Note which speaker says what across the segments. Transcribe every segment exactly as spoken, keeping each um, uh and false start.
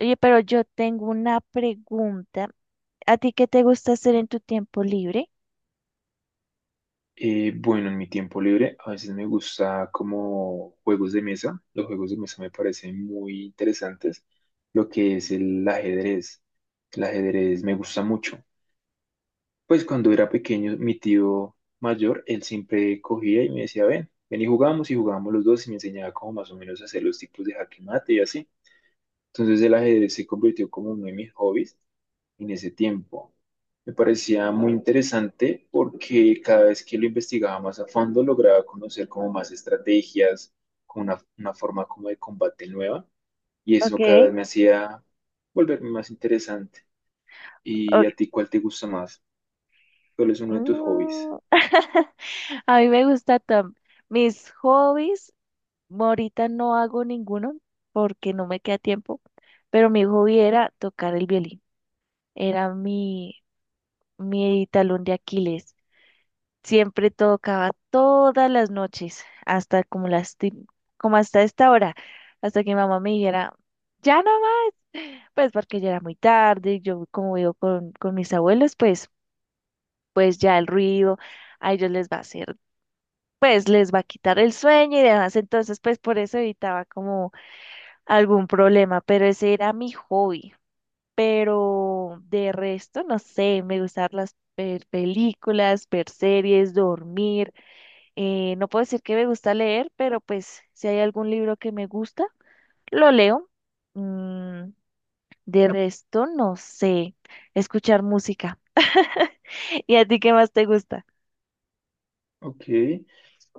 Speaker 1: Oye, pero yo tengo una pregunta. ¿A ti qué te gusta hacer en tu tiempo libre?
Speaker 2: Eh, bueno, en mi tiempo libre a veces me gusta como juegos de mesa. Los juegos de mesa me parecen muy interesantes. Lo que es el ajedrez. El ajedrez me gusta mucho. Pues cuando era pequeño, mi tío mayor, él siempre cogía y me decía, ven, ven y jugamos y jugábamos los dos y me enseñaba como más o menos a hacer los tipos de jaque mate y así. Entonces el ajedrez se convirtió como uno de mis hobbies en ese tiempo. Me parecía muy interesante porque cada vez que lo investigaba más a fondo lograba conocer como más estrategias, como una, una forma como de combate nueva y
Speaker 1: Ok,
Speaker 2: eso cada vez me hacía volverme más interesante. ¿Y
Speaker 1: ok,
Speaker 2: a ti cuál te gusta más? ¿Cuál es uno de tus hobbies?
Speaker 1: mm, a mí me gusta Tom. Mis hobbies, ahorita no hago ninguno porque no me queda tiempo, pero mi hobby era tocar el violín. Era mi, mi talón de Aquiles. Siempre tocaba todas las noches, hasta como las, ti- como hasta esta hora, hasta que mi mamá me dijera ya no, pues porque ya era muy tarde. Yo como vivo con, con mis abuelos, pues, pues ya el ruido a ellos les va a hacer, pues les va a quitar el sueño y demás. Entonces pues por eso evitaba como algún problema, pero ese era mi hobby. Pero de resto, no sé, me gustan las ver películas, ver series, dormir, eh, no puedo decir que me gusta leer, pero pues si hay algún libro que me gusta, lo leo. Mm, De resto, no sé. Escuchar música. ¿Y a ti qué más te gusta?
Speaker 2: Ok.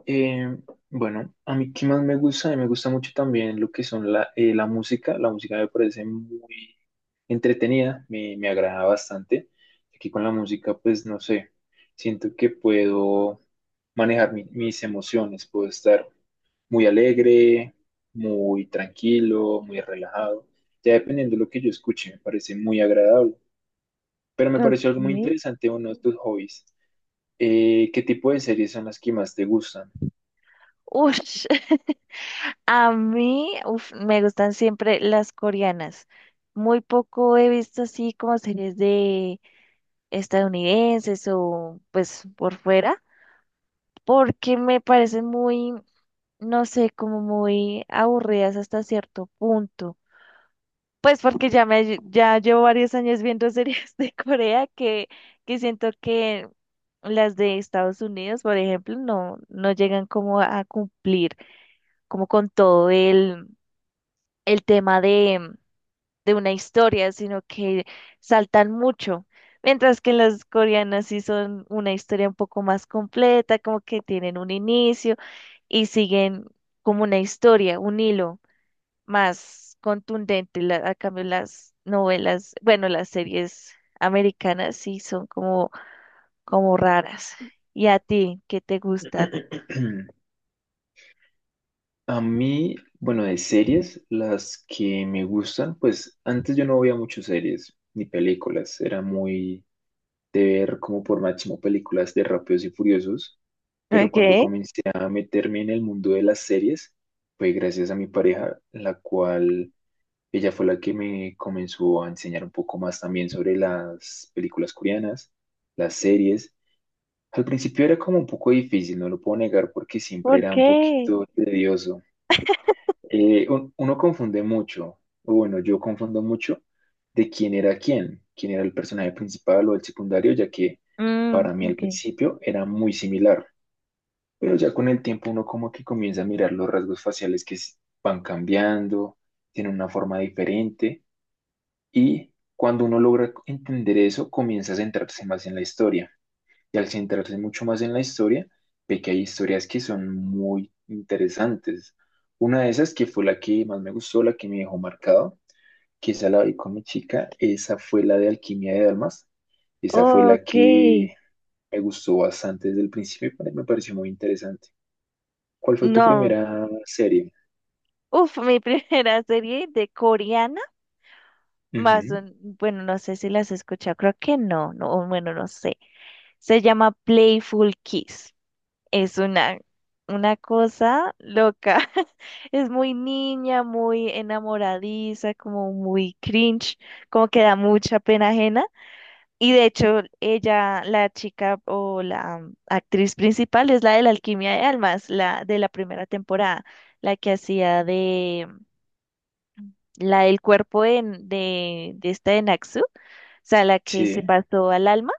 Speaker 2: Eh, bueno, a mí qué más me gusta, a mí me gusta mucho también lo que son la, eh, la música, la música me parece muy entretenida, me, me agrada bastante. Aquí con la música, pues no sé, siento que puedo manejar mi- mis emociones, puedo estar muy alegre, muy tranquilo, muy relajado, ya dependiendo de lo que yo escuche, me parece muy agradable. Pero me pareció
Speaker 1: Ok.
Speaker 2: algo muy interesante uno de tus hobbies. Eh, ¿qué tipo de series son las que más te gustan?
Speaker 1: Ush. A mí, uf, me gustan siempre las coreanas. Muy poco he visto así como series de estadounidenses o pues por fuera, porque me parecen muy, no sé, como muy aburridas hasta cierto punto. Pues porque ya me lle- ya llevo varios años viendo series de Corea que, que siento que las de Estados Unidos, por ejemplo, no, no llegan como a cumplir como con todo el, el tema de, de una historia, sino que saltan mucho. Mientras que las coreanas sí son una historia un poco más completa, como que tienen un inicio y siguen como una historia, un hilo más contundente. La- a cambio, las novelas, bueno, las series americanas sí son como, como raras. ¿Y a ti, qué te gusta?
Speaker 2: A mí, bueno, de series, las que me gustan, pues antes yo no veía muchas series ni películas, era muy de ver como por máximo películas de Rápidos y Furiosos, pero cuando
Speaker 1: ¿Qué?
Speaker 2: comencé a meterme en el mundo de las series, fue gracias a mi pareja, la cual ella fue la que me comenzó a enseñar un poco más también sobre las películas coreanas, las series. Al principio era como un poco difícil, no lo puedo negar, porque siempre
Speaker 1: ¿Por
Speaker 2: era un
Speaker 1: qué?
Speaker 2: poquito tedioso. Eh, un- uno confunde mucho, o bueno, yo confundo mucho de quién era quién, quién era el personaje principal o el secundario, ya que
Speaker 1: Mm,
Speaker 2: para mí al
Speaker 1: ok.
Speaker 2: principio era muy similar. Pero ya con el tiempo uno como que comienza a mirar los rasgos faciales que s- van cambiando, tienen una forma diferente. Y cuando uno logra entender eso, comienza a centrarse más en la historia. Y al centrarse mucho más en la historia, ve que hay historias que son muy interesantes. Una de esas, que fue la que más me gustó, la que me dejó marcado, que esa la vi con mi chica, esa fue la de Alquimia de Almas. Esa fue la
Speaker 1: Ok,
Speaker 2: que me gustó bastante desde el principio y me pareció muy interesante. ¿Cuál fue tu
Speaker 1: no,
Speaker 2: primera serie?
Speaker 1: uf, mi primera serie de coreana, más,
Speaker 2: Ujú.
Speaker 1: un- bueno, no sé si las has escuchado, creo que no, no, bueno, no sé. Se llama Playful Kiss. Es una, una cosa loca. Es muy niña, muy enamoradiza, como muy cringe, como que da mucha pena ajena. Y de hecho, ella, la chica o la mm, actriz principal es la de la Alquimia de Almas, la de la primera temporada, la que hacía de la del cuerpo de, de, de esta de Naxu, o sea, la que se
Speaker 2: Sí,
Speaker 1: pasó al alma.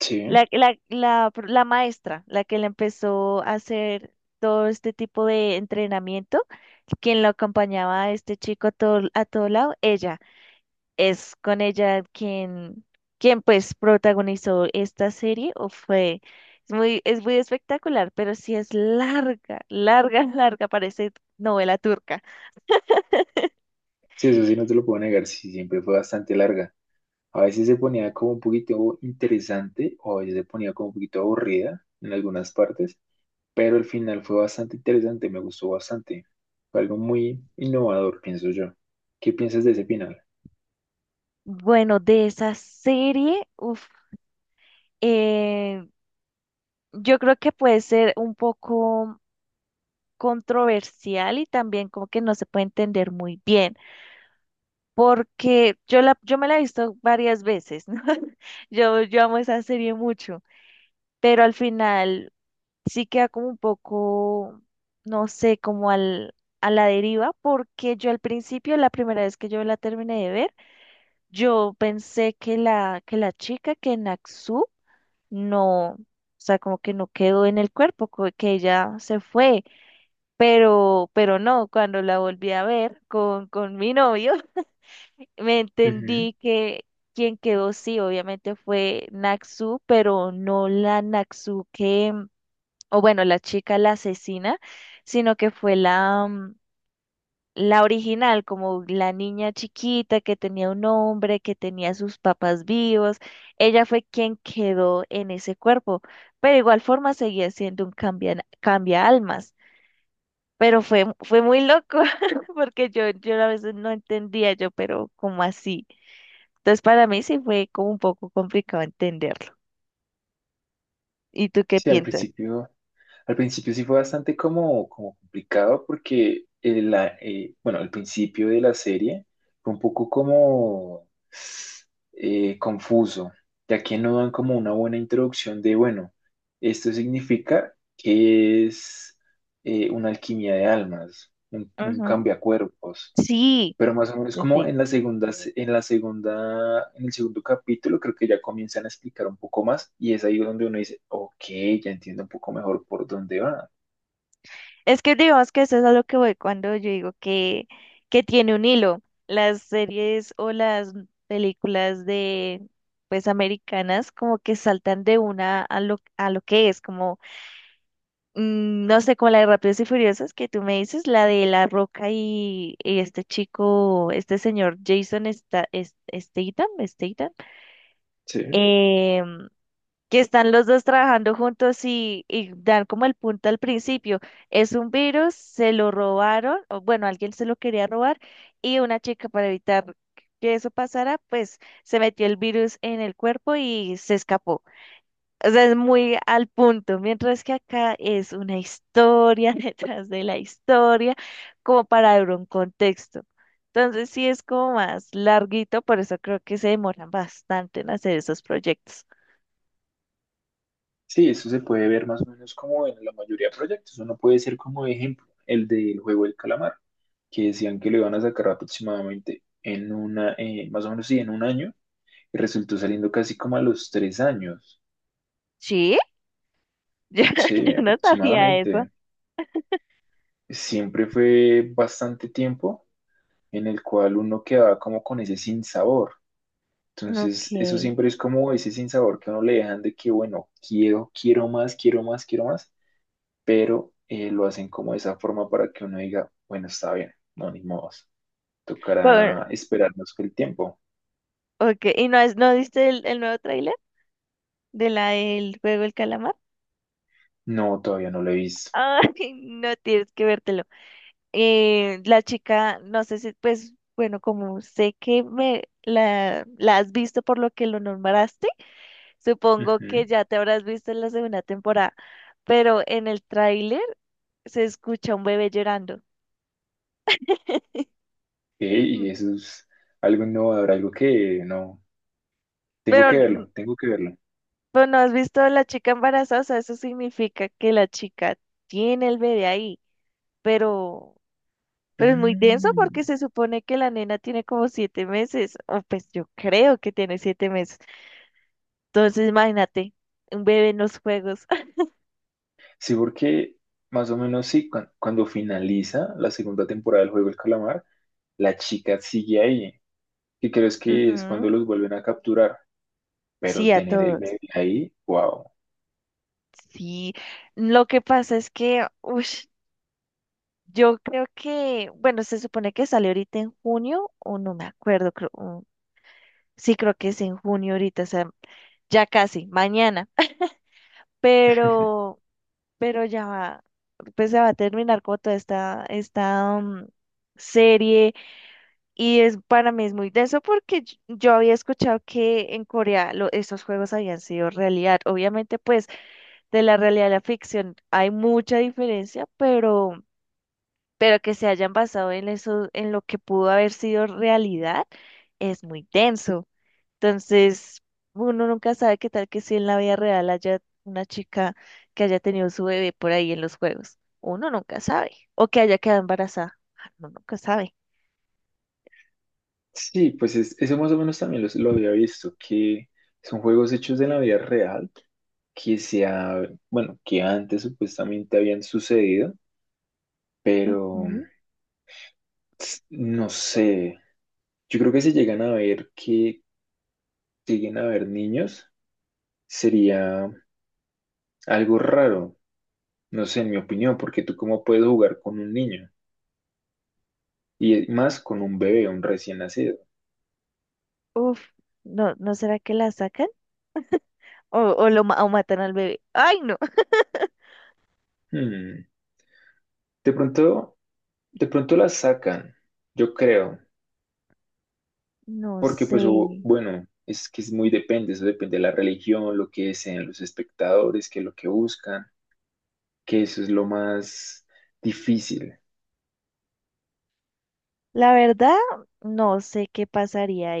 Speaker 2: sí.
Speaker 1: La, la, la, pro- la maestra, la que le empezó a hacer todo este tipo de entrenamiento, quien lo acompañaba a este chico a todo, a todo lado. Ella, es con ella quien, quien pues protagonizó esta serie, o fue, es muy, es muy espectacular, pero sí es larga, larga, larga, parece novela turca.
Speaker 2: Sí, eso sí, no te lo puedo negar, sí, siempre fue bastante larga. A veces se ponía como un poquito interesante o a veces se ponía como un poquito aburrida en algunas partes, pero el final fue bastante interesante, me gustó bastante. Fue algo muy innovador, pienso yo. ¿Qué piensas de ese final?
Speaker 1: Bueno, de esa serie, uf, eh, yo creo que puede ser un poco controversial y también como que no se puede entender muy bien, porque yo la, yo me la he visto varias veces, ¿no? Yo, yo amo esa serie mucho, pero al final sí queda como un poco, no sé, como al, a la deriva, porque yo al principio, la primera vez que yo la terminé de ver, yo pensé que la, que la chica, que Naxu, no, o sea, como que no quedó en el cuerpo, co- que ella se fue. Pero, pero no, cuando la volví a ver con, con mi novio, me
Speaker 2: Ujú.
Speaker 1: entendí que quien quedó sí, obviamente fue Naxu, pero no la Naxu que, o bueno, la chica la asesina, sino que fue la, mm, la original, como la niña chiquita que tenía un hombre, que tenía a sus papás vivos. Ella fue quien quedó en ese cuerpo, pero igual forma seguía siendo un cambia, cambia almas. Pero fue, fue muy loco, porque yo, yo a veces no entendía yo, pero ¿cómo así? Entonces para mí sí fue como un poco complicado entenderlo. ¿Y tú qué
Speaker 2: Sí, al
Speaker 1: piensas?
Speaker 2: principio. Al principio sí fue bastante como, como complicado porque el, la- eh, bueno, al principio de la serie fue un poco como eh, confuso, ya que no dan como una buena introducción de, bueno, esto significa que es eh, una alquimia de almas, un, un
Speaker 1: Ujú.
Speaker 2: cambiacuerpos.
Speaker 1: Sí,
Speaker 2: Pero más o menos
Speaker 1: sí.
Speaker 2: como
Speaker 1: Sí.
Speaker 2: en la segunda, se- en la segunda, en el segundo capítulo, creo que ya comienzan a explicar un poco más y es ahí donde uno dice, ok, ya entiendo un poco mejor por dónde va.
Speaker 1: Es que digamos que eso es a lo que voy cuando yo digo que, que tiene un hilo. Las series o las películas de pues americanas como que saltan de una a lo, a lo que es, como mm, no sé, como la de Rápidos y Furiosos que tú me dices, la de La Roca y, y este chico, este señor Jason Sta- es- Statham, Statham,
Speaker 2: Sí,
Speaker 1: em, que están los dos trabajando juntos y, y dan como el punto al principio. Es un virus, se lo robaron, o bueno, alguien se lo quería robar y una chica para evitar que eso pasara, pues se metió el virus en el cuerpo y se escapó. O sea, es muy al punto, mientras que acá es una historia detrás de la historia, como para dar un contexto. Entonces sí es como más larguito, por eso creo que se demoran bastante en hacer esos proyectos.
Speaker 2: sí, eso se puede ver más o menos como en la mayoría de proyectos. Uno puede ser como ejemplo el del juego del calamar, que decían que lo iban a sacar aproximadamente en una, eh, más o menos sí, en un año, y resultó saliendo casi como a los tres años.
Speaker 1: Sí, Yo,
Speaker 2: Sí,
Speaker 1: yo no sabía eso.
Speaker 2: aproximadamente. Siempre fue bastante tiempo en el cual uno quedaba como con ese sinsabor. Entonces, eso
Speaker 1: Okay.
Speaker 2: siempre es como ese sinsabor que a uno le dejan de que, bueno, quiero, quiero más, quiero más, quiero más, pero eh, lo hacen como de esa forma para que uno diga, bueno, está bien, no, ni modos,
Speaker 1: Por-
Speaker 2: tocará esperarnos que el tiempo.
Speaker 1: okay. ¿Y no, has- no viste el, el nuevo tráiler de la del juego El Calamar?
Speaker 2: No, todavía no lo he visto.
Speaker 1: Ay, no tienes que vértelo. Eh, la chica, no sé si, pues, bueno, como sé que me la, la has visto por lo que lo nombraste, supongo que
Speaker 2: Ujú.
Speaker 1: ya te habrás visto en la segunda temporada, pero en el tráiler se escucha un bebé llorando.
Speaker 2: Eh, y
Speaker 1: Mm,
Speaker 2: eso es algo innovador, algo que no, tengo
Speaker 1: Pero
Speaker 2: que verlo, tengo que verlo.
Speaker 1: Pero no has visto a la chica embarazada. O sea, eso significa que la chica tiene el bebé ahí, pero, pero es muy denso
Speaker 2: Mm.
Speaker 1: porque se supone que la nena tiene como siete meses, o pues yo creo que tiene siete meses. Entonces, imagínate, un bebé en los juegos.
Speaker 2: Sí, porque más o menos sí, cu- cuando finaliza la segunda temporada del juego El Calamar, la chica sigue ahí. ¿Qué crees que es cuando
Speaker 1: Ujú,
Speaker 2: los vuelven a capturar? Pero
Speaker 1: sí, a
Speaker 2: tener el
Speaker 1: todos.
Speaker 2: bebé ahí, wow.
Speaker 1: Sí, lo que pasa es que, ush, yo creo que, bueno, se supone que sale ahorita en junio, o no me acuerdo, creo, mm, sí, creo que es en junio ahorita, o sea, ya casi, mañana. pero, pero ya va, pues se va a terminar como toda esta, esta mm, serie y es para mí es muy denso porque yo yo había escuchado que en Corea lo- estos juegos habían sido realidad. Obviamente, pues de la realidad a la ficción hay mucha diferencia, pero, pero que se hayan basado en eso, en lo que pudo haber sido realidad, es muy denso. Entonces, uno nunca sabe qué tal que si en la vida real haya una chica que haya tenido su bebé por ahí en los juegos. Uno nunca sabe. O que haya quedado embarazada. Ah, uno nunca sabe.
Speaker 2: Sí, pues es- eso más o menos también los- lo había visto, que son juegos hechos de la vida real, que se ha, bueno, que antes supuestamente habían sucedido, pero
Speaker 1: Ujú.
Speaker 2: s- no sé. Yo creo que si llegan a ver que lleguen a ver niños, sería algo raro, no sé, en mi opinión, porque tú cómo puedes jugar con un niño y e, más con un bebé, un recién nacido.
Speaker 1: Uf, no, ¿no será que la sacan? ¿O, o lo ma- o matan al bebé? Ay, no.
Speaker 2: Hmm. De pronto, de pronto la sacan, yo creo,
Speaker 1: No
Speaker 2: porque
Speaker 1: sé.
Speaker 2: pues hubo- bueno, es que es muy depende, eso depende de la religión, lo que desean los espectadores, que es lo que buscan, que eso es lo más difícil.
Speaker 1: La verdad, no sé qué pasaría